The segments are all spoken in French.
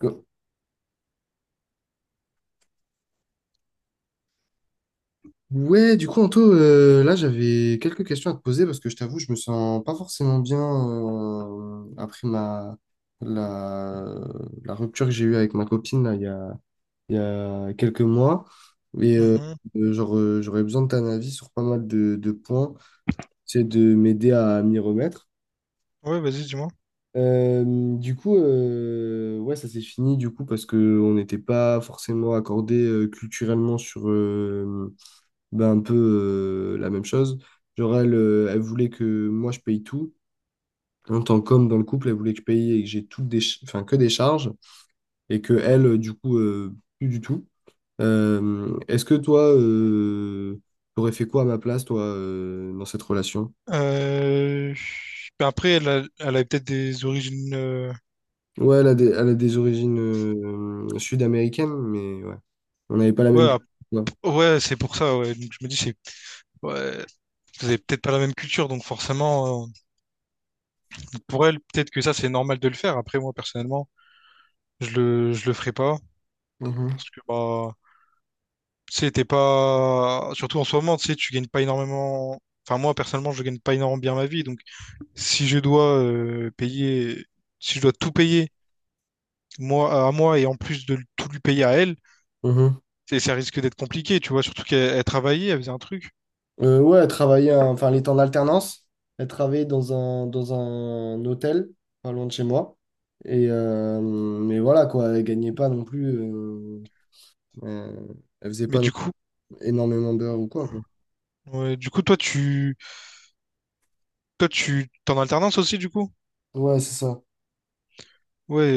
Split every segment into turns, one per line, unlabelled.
Go. Anto, là, j'avais quelques questions à te poser parce que je t'avoue, je me sens pas forcément bien après la, la rupture que j'ai eue avec ma copine là, il y a quelques mois. Et euh,
Mhm.
J'aurais besoin de ton avis sur pas mal de points, c'est de m'aider à m'y remettre.
Ouais, vas-y, dis-moi.
Euh, ouais, ça s'est fini du coup parce que on n'était pas forcément accordé culturellement sur, un peu la même chose. Genre, elle voulait que moi, je paye tout. En tant qu'homme dans le couple, elle voulait que je paye et que j'ai toutes que des charges et que elle, plus du tout. Est-ce que toi, t'aurais fait quoi à ma place, toi, dans cette relation?
Euh... ben après, elle a peut-être des origines.
Ouais, elle a des origines sud-américaines, mais ouais, on n'avait pas la
Ouais,
même culture.
ap-
quoi.
ouais, c'est pour ça. Ouais. Donc je me dis, c'est. Ouais. Vous avez peut-être pas la même culture, donc forcément, pour elle, peut-être que ça, c'est normal de le faire. Après, moi, personnellement, je le ferai pas
Mhm.
parce que, bah, tu sais, t'es pas, surtout en ce moment, tu sais, tu gagnes pas énormément. Enfin, moi, personnellement, je gagne pas énormément bien ma vie, donc si je dois payer, si je dois tout payer, moi, à moi, et en plus de tout lui payer à elle,
Mhm.
ça risque d'être compliqué, tu vois, surtout qu'elle elle travaillait, elle faisait un truc.
Ouais, elle travaillait, elle était en alternance. Elle travaillait dans dans un hôtel, pas loin de chez moi. Et, mais voilà, quoi, elle gagnait pas non plus. euh, elle faisait
Mais
pas
du coup,
énormément d'heures ou quoi, quoi.
ouais, du coup, toi, tu, t'es en alternance aussi, du coup?
Ouais, c'est ça.
Ouais,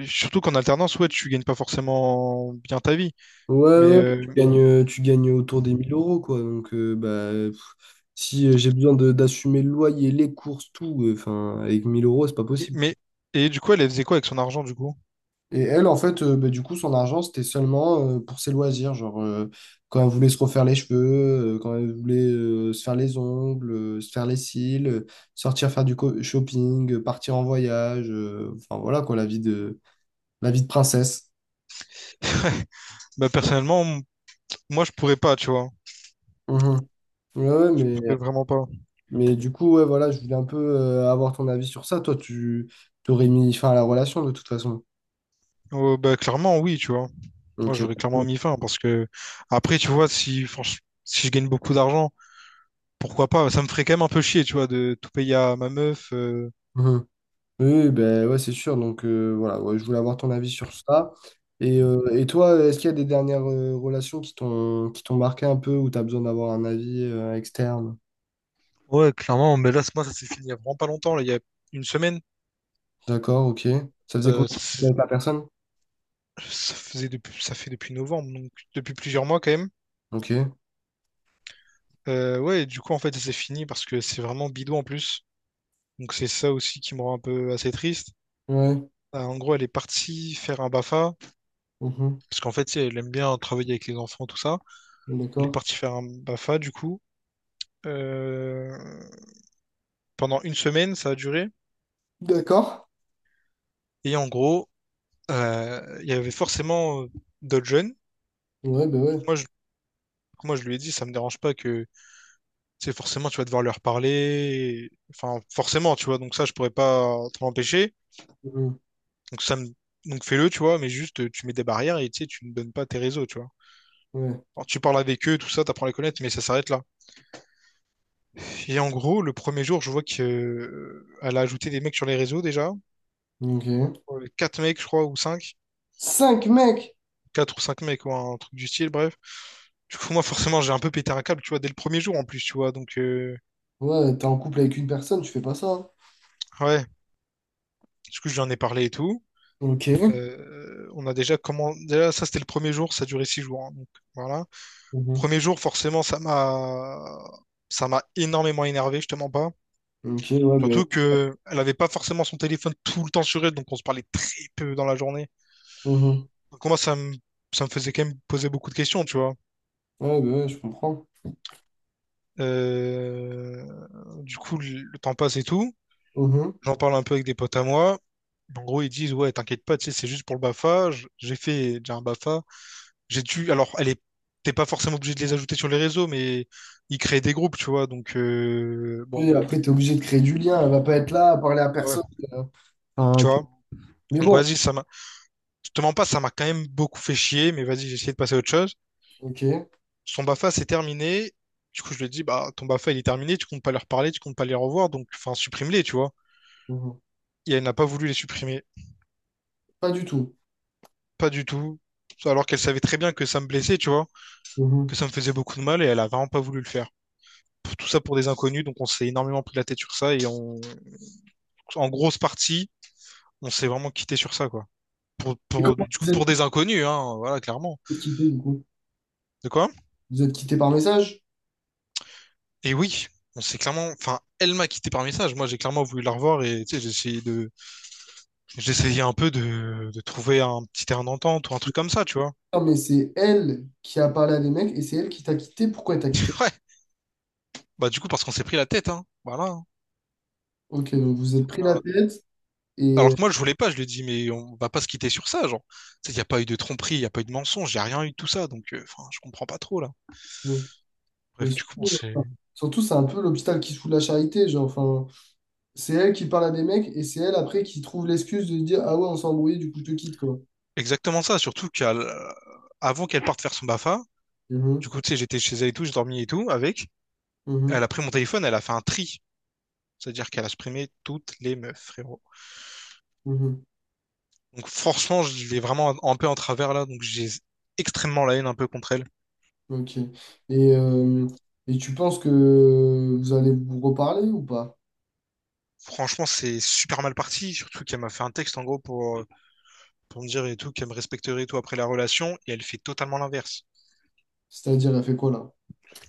et surtout qu'en alternance, ouais, tu gagnes pas forcément bien ta vie.
Ouais,
Mais,
ouais,
euh,
tu gagnes autour des 1000 euros, quoi. Donc, si j'ai besoin d'assumer le loyer, les courses, tout, enfin, avec 1000 euros, c'est pas
et-
possible.
mais et du coup, elle, elle faisait quoi avec son argent, du coup?
Et elle, en fait, son argent, c'était seulement pour ses loisirs. Genre, quand elle voulait se refaire les cheveux, quand elle voulait se faire les ongles, se faire les cils, sortir faire du shopping, partir en voyage. Enfin, voilà, quoi, la vie la vie de princesse.
Bah, personnellement, moi, je pourrais pas, tu vois.
Mhm. Ouais, ouais,
Je pourrais
mais,
vraiment pas.
mais du coup, ouais, voilà, je voulais un peu avoir ton avis sur ça. Toi, tu t'aurais mis fin à la relation, de toute façon.
Bah, clairement, oui, tu vois. Moi,
Donc,
j'aurais clairement mis fin parce que après, tu vois, si, si je gagne beaucoup d'argent, pourquoi pas? Ça me ferait quand même un peu chier, tu vois, de tout payer à ma meuf.
mhm. Oui, ben ouais, c'est sûr. Donc voilà, ouais, je voulais avoir ton avis sur ça. Et toi, est-ce qu'il y a des dernières relations qui t'ont marqué un peu ou t'as besoin d'avoir un avis externe?
Ouais, clairement, mais là, moi, ça s'est fini il y a vraiment pas longtemps, là, il y a une semaine.
D'accord, ok. Ça faisait combien
Euh,
de
ça,
temps que t'étais
s'est-
avec la personne?
ça fait depuis novembre, donc depuis plusieurs mois quand même.
Ok.
Ouais, et du coup, en fait, ça s'est fini parce que c'est vraiment bidon en plus. Donc, c'est ça aussi qui me rend un peu assez triste.
Ouais.
En gros, elle est partie faire un BAFA,
Mhm.
parce qu'en fait, tu sais, elle aime bien travailler avec les enfants, tout ça. Elle est
D'accord.
partie faire un BAFA, du coup. Euh, Pendant une semaine, ça a duré.
D'accord.
Et en gros, il y avait forcément d'autres jeunes.
Ouais, ben ouais.
Moi, je, moi, je lui ai dit, ça me dérange pas que tu sais, forcément, tu vas devoir leur parler. Enfin, forcément, tu vois. Donc ça, je pourrais pas t'en empêcher.
Mhm.
Donc ça me... Donc fais-le, tu vois. Mais juste, tu mets des barrières et tu sais, tu ne donnes pas tes réseaux, tu vois.
Ouais.
Alors, tu parles avec eux, tout ça, t'apprends à les connaître, mais ça s'arrête là. Et en gros, le premier jour, je vois que elle a ajouté des mecs sur les réseaux déjà.
Ok.
Quatre mecs, je crois, ou cinq.
Cinq mecs!
Quatre ou cinq mecs, ou un truc du style, bref. Du coup, moi, forcément, j'ai un peu pété un câble, tu vois, dès le premier jour en plus, tu vois. Donc,
Ouais, t'es en couple avec une personne, tu fais pas ça, hein.
ouais. Du coup, je lui en ai parlé et tout.
Ok.
On a déjà comment déjà ça c'était le premier jour, ça a duré 6 jours, hein, donc voilà.
Mhm.
Premier jour forcément ça m'a énormément énervé, je te mens pas.
Ok, ouais, ben.
Surtout que elle avait pas forcément son téléphone tout le temps sur elle, donc on se parlait très peu dans la journée.
Mhm.
Donc moi ça me faisait quand même poser beaucoup de questions, tu vois.
Ouais, ben ouais, je comprends.
Euh, Du coup le temps passe et tout. J'en parle un peu avec des potes à moi. En gros ils disent ouais t'inquiète pas, tu sais c'est juste pour le BAFA. J'ai fait déjà un BAFA. J'ai dû, alors, elle est, t'es pas forcément obligé de les ajouter sur les réseaux, mais ils créent des groupes, tu vois. Donc, bon,
Et après, tu es obligé de créer du lien. Elle va pas être là à parler à
ouais,
personne. euh,
tu
enfin, tu-
vois.
Mais
Donc,
bon,
vas-y, ça m'a, je te mens pas, ça m'a quand même beaucoup fait chier, mais vas-y, j'ai essayé de passer à autre chose.
ok.
Son BAFA, c'est terminé. Du coup, je lui ai dit, bah, ton BAFA, il est terminé, tu comptes pas leur parler, tu comptes pas les revoir, donc, enfin, supprime-les, tu vois.
Mhm.
Et elle n'a pas voulu les supprimer.
Pas du tout.
Pas du tout. Alors qu'elle savait très bien que ça me blessait, tu vois, que
Mhm.
ça me faisait beaucoup de mal et elle a vraiment pas voulu le faire. Tout ça pour des inconnus, donc on s'est énormément pris la tête sur ça et on, en grosse partie, on s'est vraiment quitté sur ça, quoi. Pour,
Et
pour,
comment
du coup, pour des inconnus, hein, voilà, clairement.
vous êtes quitté, du coup?
De quoi?
Vous êtes quitté par message?
Et oui, on s'est clairement. Enfin, elle m'a quitté par message. Moi, j'ai clairement voulu la revoir et tu sais, j'ai essayé de. J'essayais un peu de trouver un petit terrain d'entente ou un truc comme ça, tu vois.
Non, mais c'est elle qui a parlé à des mecs et c'est elle qui t'a quitté. Pourquoi elle t'a quitté?
Ouais. Bah, du coup, parce qu'on s'est pris la tête, hein. Voilà.
Ok, donc vous êtes pris la
Euh,
tête et.
Alors que moi, je voulais pas, je lui ai dit, mais on va pas se quitter sur ça, genre. Tu sais, il n'y a pas eu de tromperie, il n'y a pas eu de mensonge, il n'y a rien eu de tout ça, donc enfin, je comprends pas trop, là.
Bon. Mais
Bref, du coup,
surtout,
c'est
euh, surtout, c'est un peu l'hôpital qui se fout de la charité. Genre, enfin, c'est elle qui parle à des mecs et c'est elle après qui trouve l'excuse de dire: ah ouais, on s'est embrouillé, du coup, je te quitte, quoi.
exactement ça, surtout qu'avant qu'elle parte faire son BAFA, du
Mhm.
coup, tu sais, j'étais chez elle et tout, j'ai dormi et tout avec.
Mhm.
Elle a pris mon téléphone, elle a fait un tri. C'est-à-dire qu'elle a supprimé toutes les meufs, frérot.
Mhm.
Donc franchement, je l'ai vraiment un peu en travers là, donc j'ai extrêmement la haine un peu contre elle.
Ok. Et, euh, et tu penses que vous allez vous reparler ou pas?
Franchement, c'est super mal parti, surtout qu'elle m'a fait un texte en gros pour me dire et tout, qu'elle me respecterait et tout après la relation, et elle fait totalement l'inverse.
C'est-à-dire, elle fait quoi là?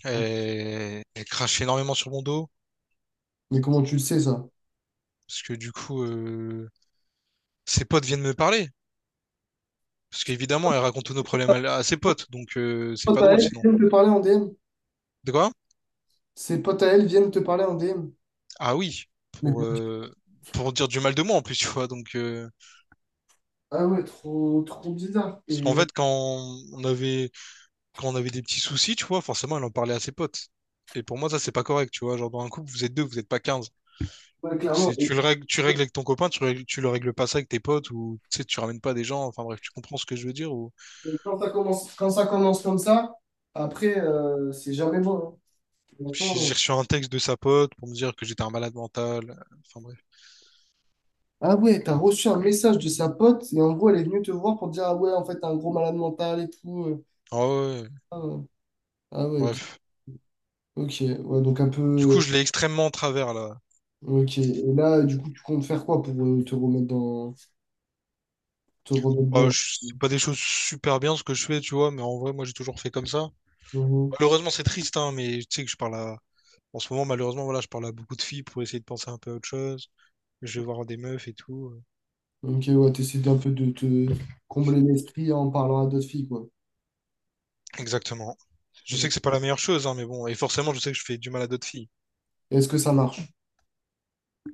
Elle, elle crache énormément sur mon dos,
Mais comment tu le sais ça?
parce que du coup, ses potes viennent me parler. Parce qu'évidemment, elle raconte tous nos problèmes à ses potes, donc c'est
Potes
pas
à
drôle
elle
sinon.
viennent te parler en DM.
De quoi?
Ses potes à elle viennent te parler en DM.
Ah oui,
Mais...
pour, euh, pour dire du mal de moi en plus, tu vois. Donc,
Ah ouais, trop, trop bizarre.
parce
Et
qu'en fait, on avait, quand on avait des petits soucis, tu vois, forcément, elle en parlait à ses potes. Et pour moi, ça, c'est pas correct, tu vois. Genre, dans un couple, vous êtes deux, vous n'êtes pas 15.
ouais,
Donc,
clairement,
c'est, tu le règles, tu règles avec ton copain, tu le règles pas ça avec tes potes, ou tu sais, tu ramènes pas des gens. Enfin bref, tu comprends ce que je veux dire. Ou...
et quand ça commence comme ça, après, c'est jamais bon, hein.
J'ai
Franchement,
j'ai reçu un texte de sa pote pour me dire que j'étais un malade mental. Enfin bref.
Ah ouais, t'as reçu un message de sa pote et en gros, elle est venue te voir pour te dire, ah ouais, en fait, t'as un gros malade mental et tout.
Ah ouais, ouais,
Ah ouais, Ah ouais,
bref.
Ok, ouais, donc un
Du
peu.
coup, je l'ai extrêmement en travers, là.
Ok. Et là, du coup, tu comptes faire quoi pour te remettre dans. Te remettre
Bah,
bien?
c'est pas des choses super bien ce que je fais, tu vois, mais en vrai, moi, j'ai toujours fait comme ça.
Mhm.
Malheureusement, c'est triste, hein, mais tu sais que je parle à... En ce moment, malheureusement, voilà, je parle à beaucoup de filles pour essayer de penser un peu à autre chose. Je vais voir des meufs et tout.
Ok, ouais, t'essaies d'un peu de te combler l'esprit en parlant à d'autres filles, quoi.
Exactement. Je sais
Ouais.
que c'est pas la meilleure chose, hein, mais bon. Et forcément, je sais que je fais du mal à d'autres filles.
Est-ce que ça marche?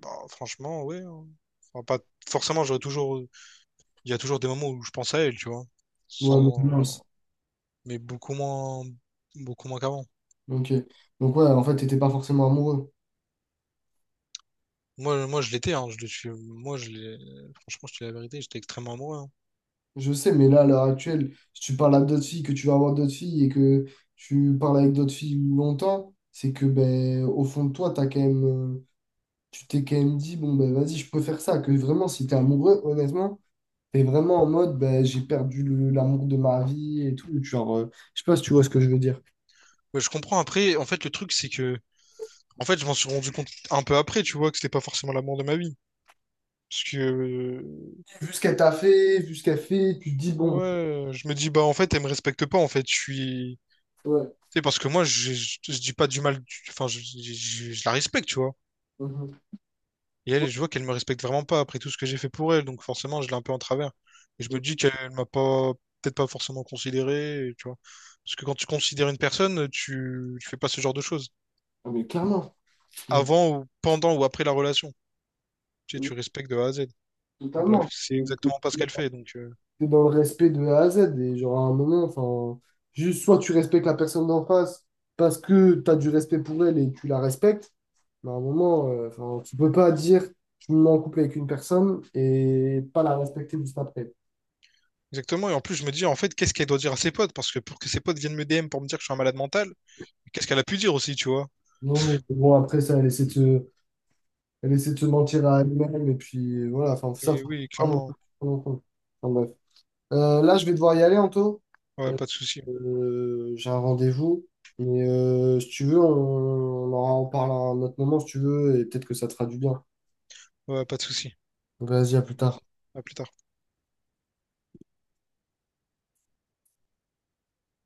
Bah, franchement, ouais, hein. Enfin, pas... Forcément, j'aurais toujours... Il y a toujours des moments où je pense à elle, tu vois.
Ouais, mais
Sans...
mince.
Mais beaucoup moins... Beaucoup moins qu'avant.
Ok. Donc, ouais, en fait, t'étais pas forcément amoureux.
Moi, moi, je l'étais, hein. Moi, je l'ai... Franchement, je te dis la vérité, j'étais extrêmement amoureux, hein.
Je sais, mais là, à l'heure actuelle, si tu parles à d'autres filles, que tu vas avoir d'autres filles et que tu parles avec d'autres filles longtemps, c'est que, ben, au fond de toi, t'as quand même. Tu t'es quand même dit, bon, ben, vas-y, je peux faire ça. Que vraiment, si t'es amoureux, honnêtement. T'es vraiment en mode, ben, j'ai perdu l'amour de ma vie et tout. Genre, je sais pas si tu vois ce que je veux dire.
Mais je comprends. Après, en fait, le truc, c'est que... En fait, je m'en suis rendu compte un peu après, tu vois, que c'était pas forcément l'amour de ma vie. Parce que,
Vu ce qu'elle t'a fait, vu ce qu'elle fait, tu te dis, bon,
ouais, je me dis, bah, en fait, elle me respecte pas, en fait, je suis.
ouais.
Tu sais, parce que moi, je dis pas du mal, enfin, je la respecte, tu vois.
Mhm.
Et
Ouais,
elle, je vois qu'elle me respecte vraiment pas après tout ce que j'ai fait pour elle, donc forcément, je l'ai un peu en travers. Et je
ouais.
me dis qu'elle m'a pas, peut-être pas forcément considéré, et tu vois. Parce que quand tu considères une personne, tu fais pas ce genre de choses.
Ah, mais clairement, Mhm.
Avant ou pendant ou après la relation. Tu sais, tu respectes de A à Z. Mais bref,
totalement.
c'est
T'es-
exactement pas ce qu'elle fait, donc.
T'es dans le respect de A à Z. Et genre, à un moment, enfin, juste soit tu respectes la personne d'en face parce que t'as du respect pour elle et tu la respectes. Mais à un moment, enfin, tu peux pas dire je me mets en couple avec une personne et pas la respecter juste après.
Exactement. Et en plus, je me dis, en fait, qu'est-ce qu'elle doit dire à ses potes? Parce que pour que ses potes viennent me DM pour me dire que je suis un malade mental, qu'est-ce qu'elle a pu dire aussi, tu vois?
Non, bon, après ça, elle essaie de se Elle essaie de se mentir à elle-même, et puis voilà, enfin, ça,
Mais
faut
oui,
vraiment
clairement.
prendre en compte. Enfin, bref. Là, je vais devoir y aller, Anto.
Ouais,
Euh,
pas de souci.
j'ai un rendez-vous, mais si tu veux, on en parle à un autre moment, si tu veux, et peut-être que ça te fera du bien.
Ouais, pas de souci.
Vas-y, à plus tard.
Vas-y. À plus tard.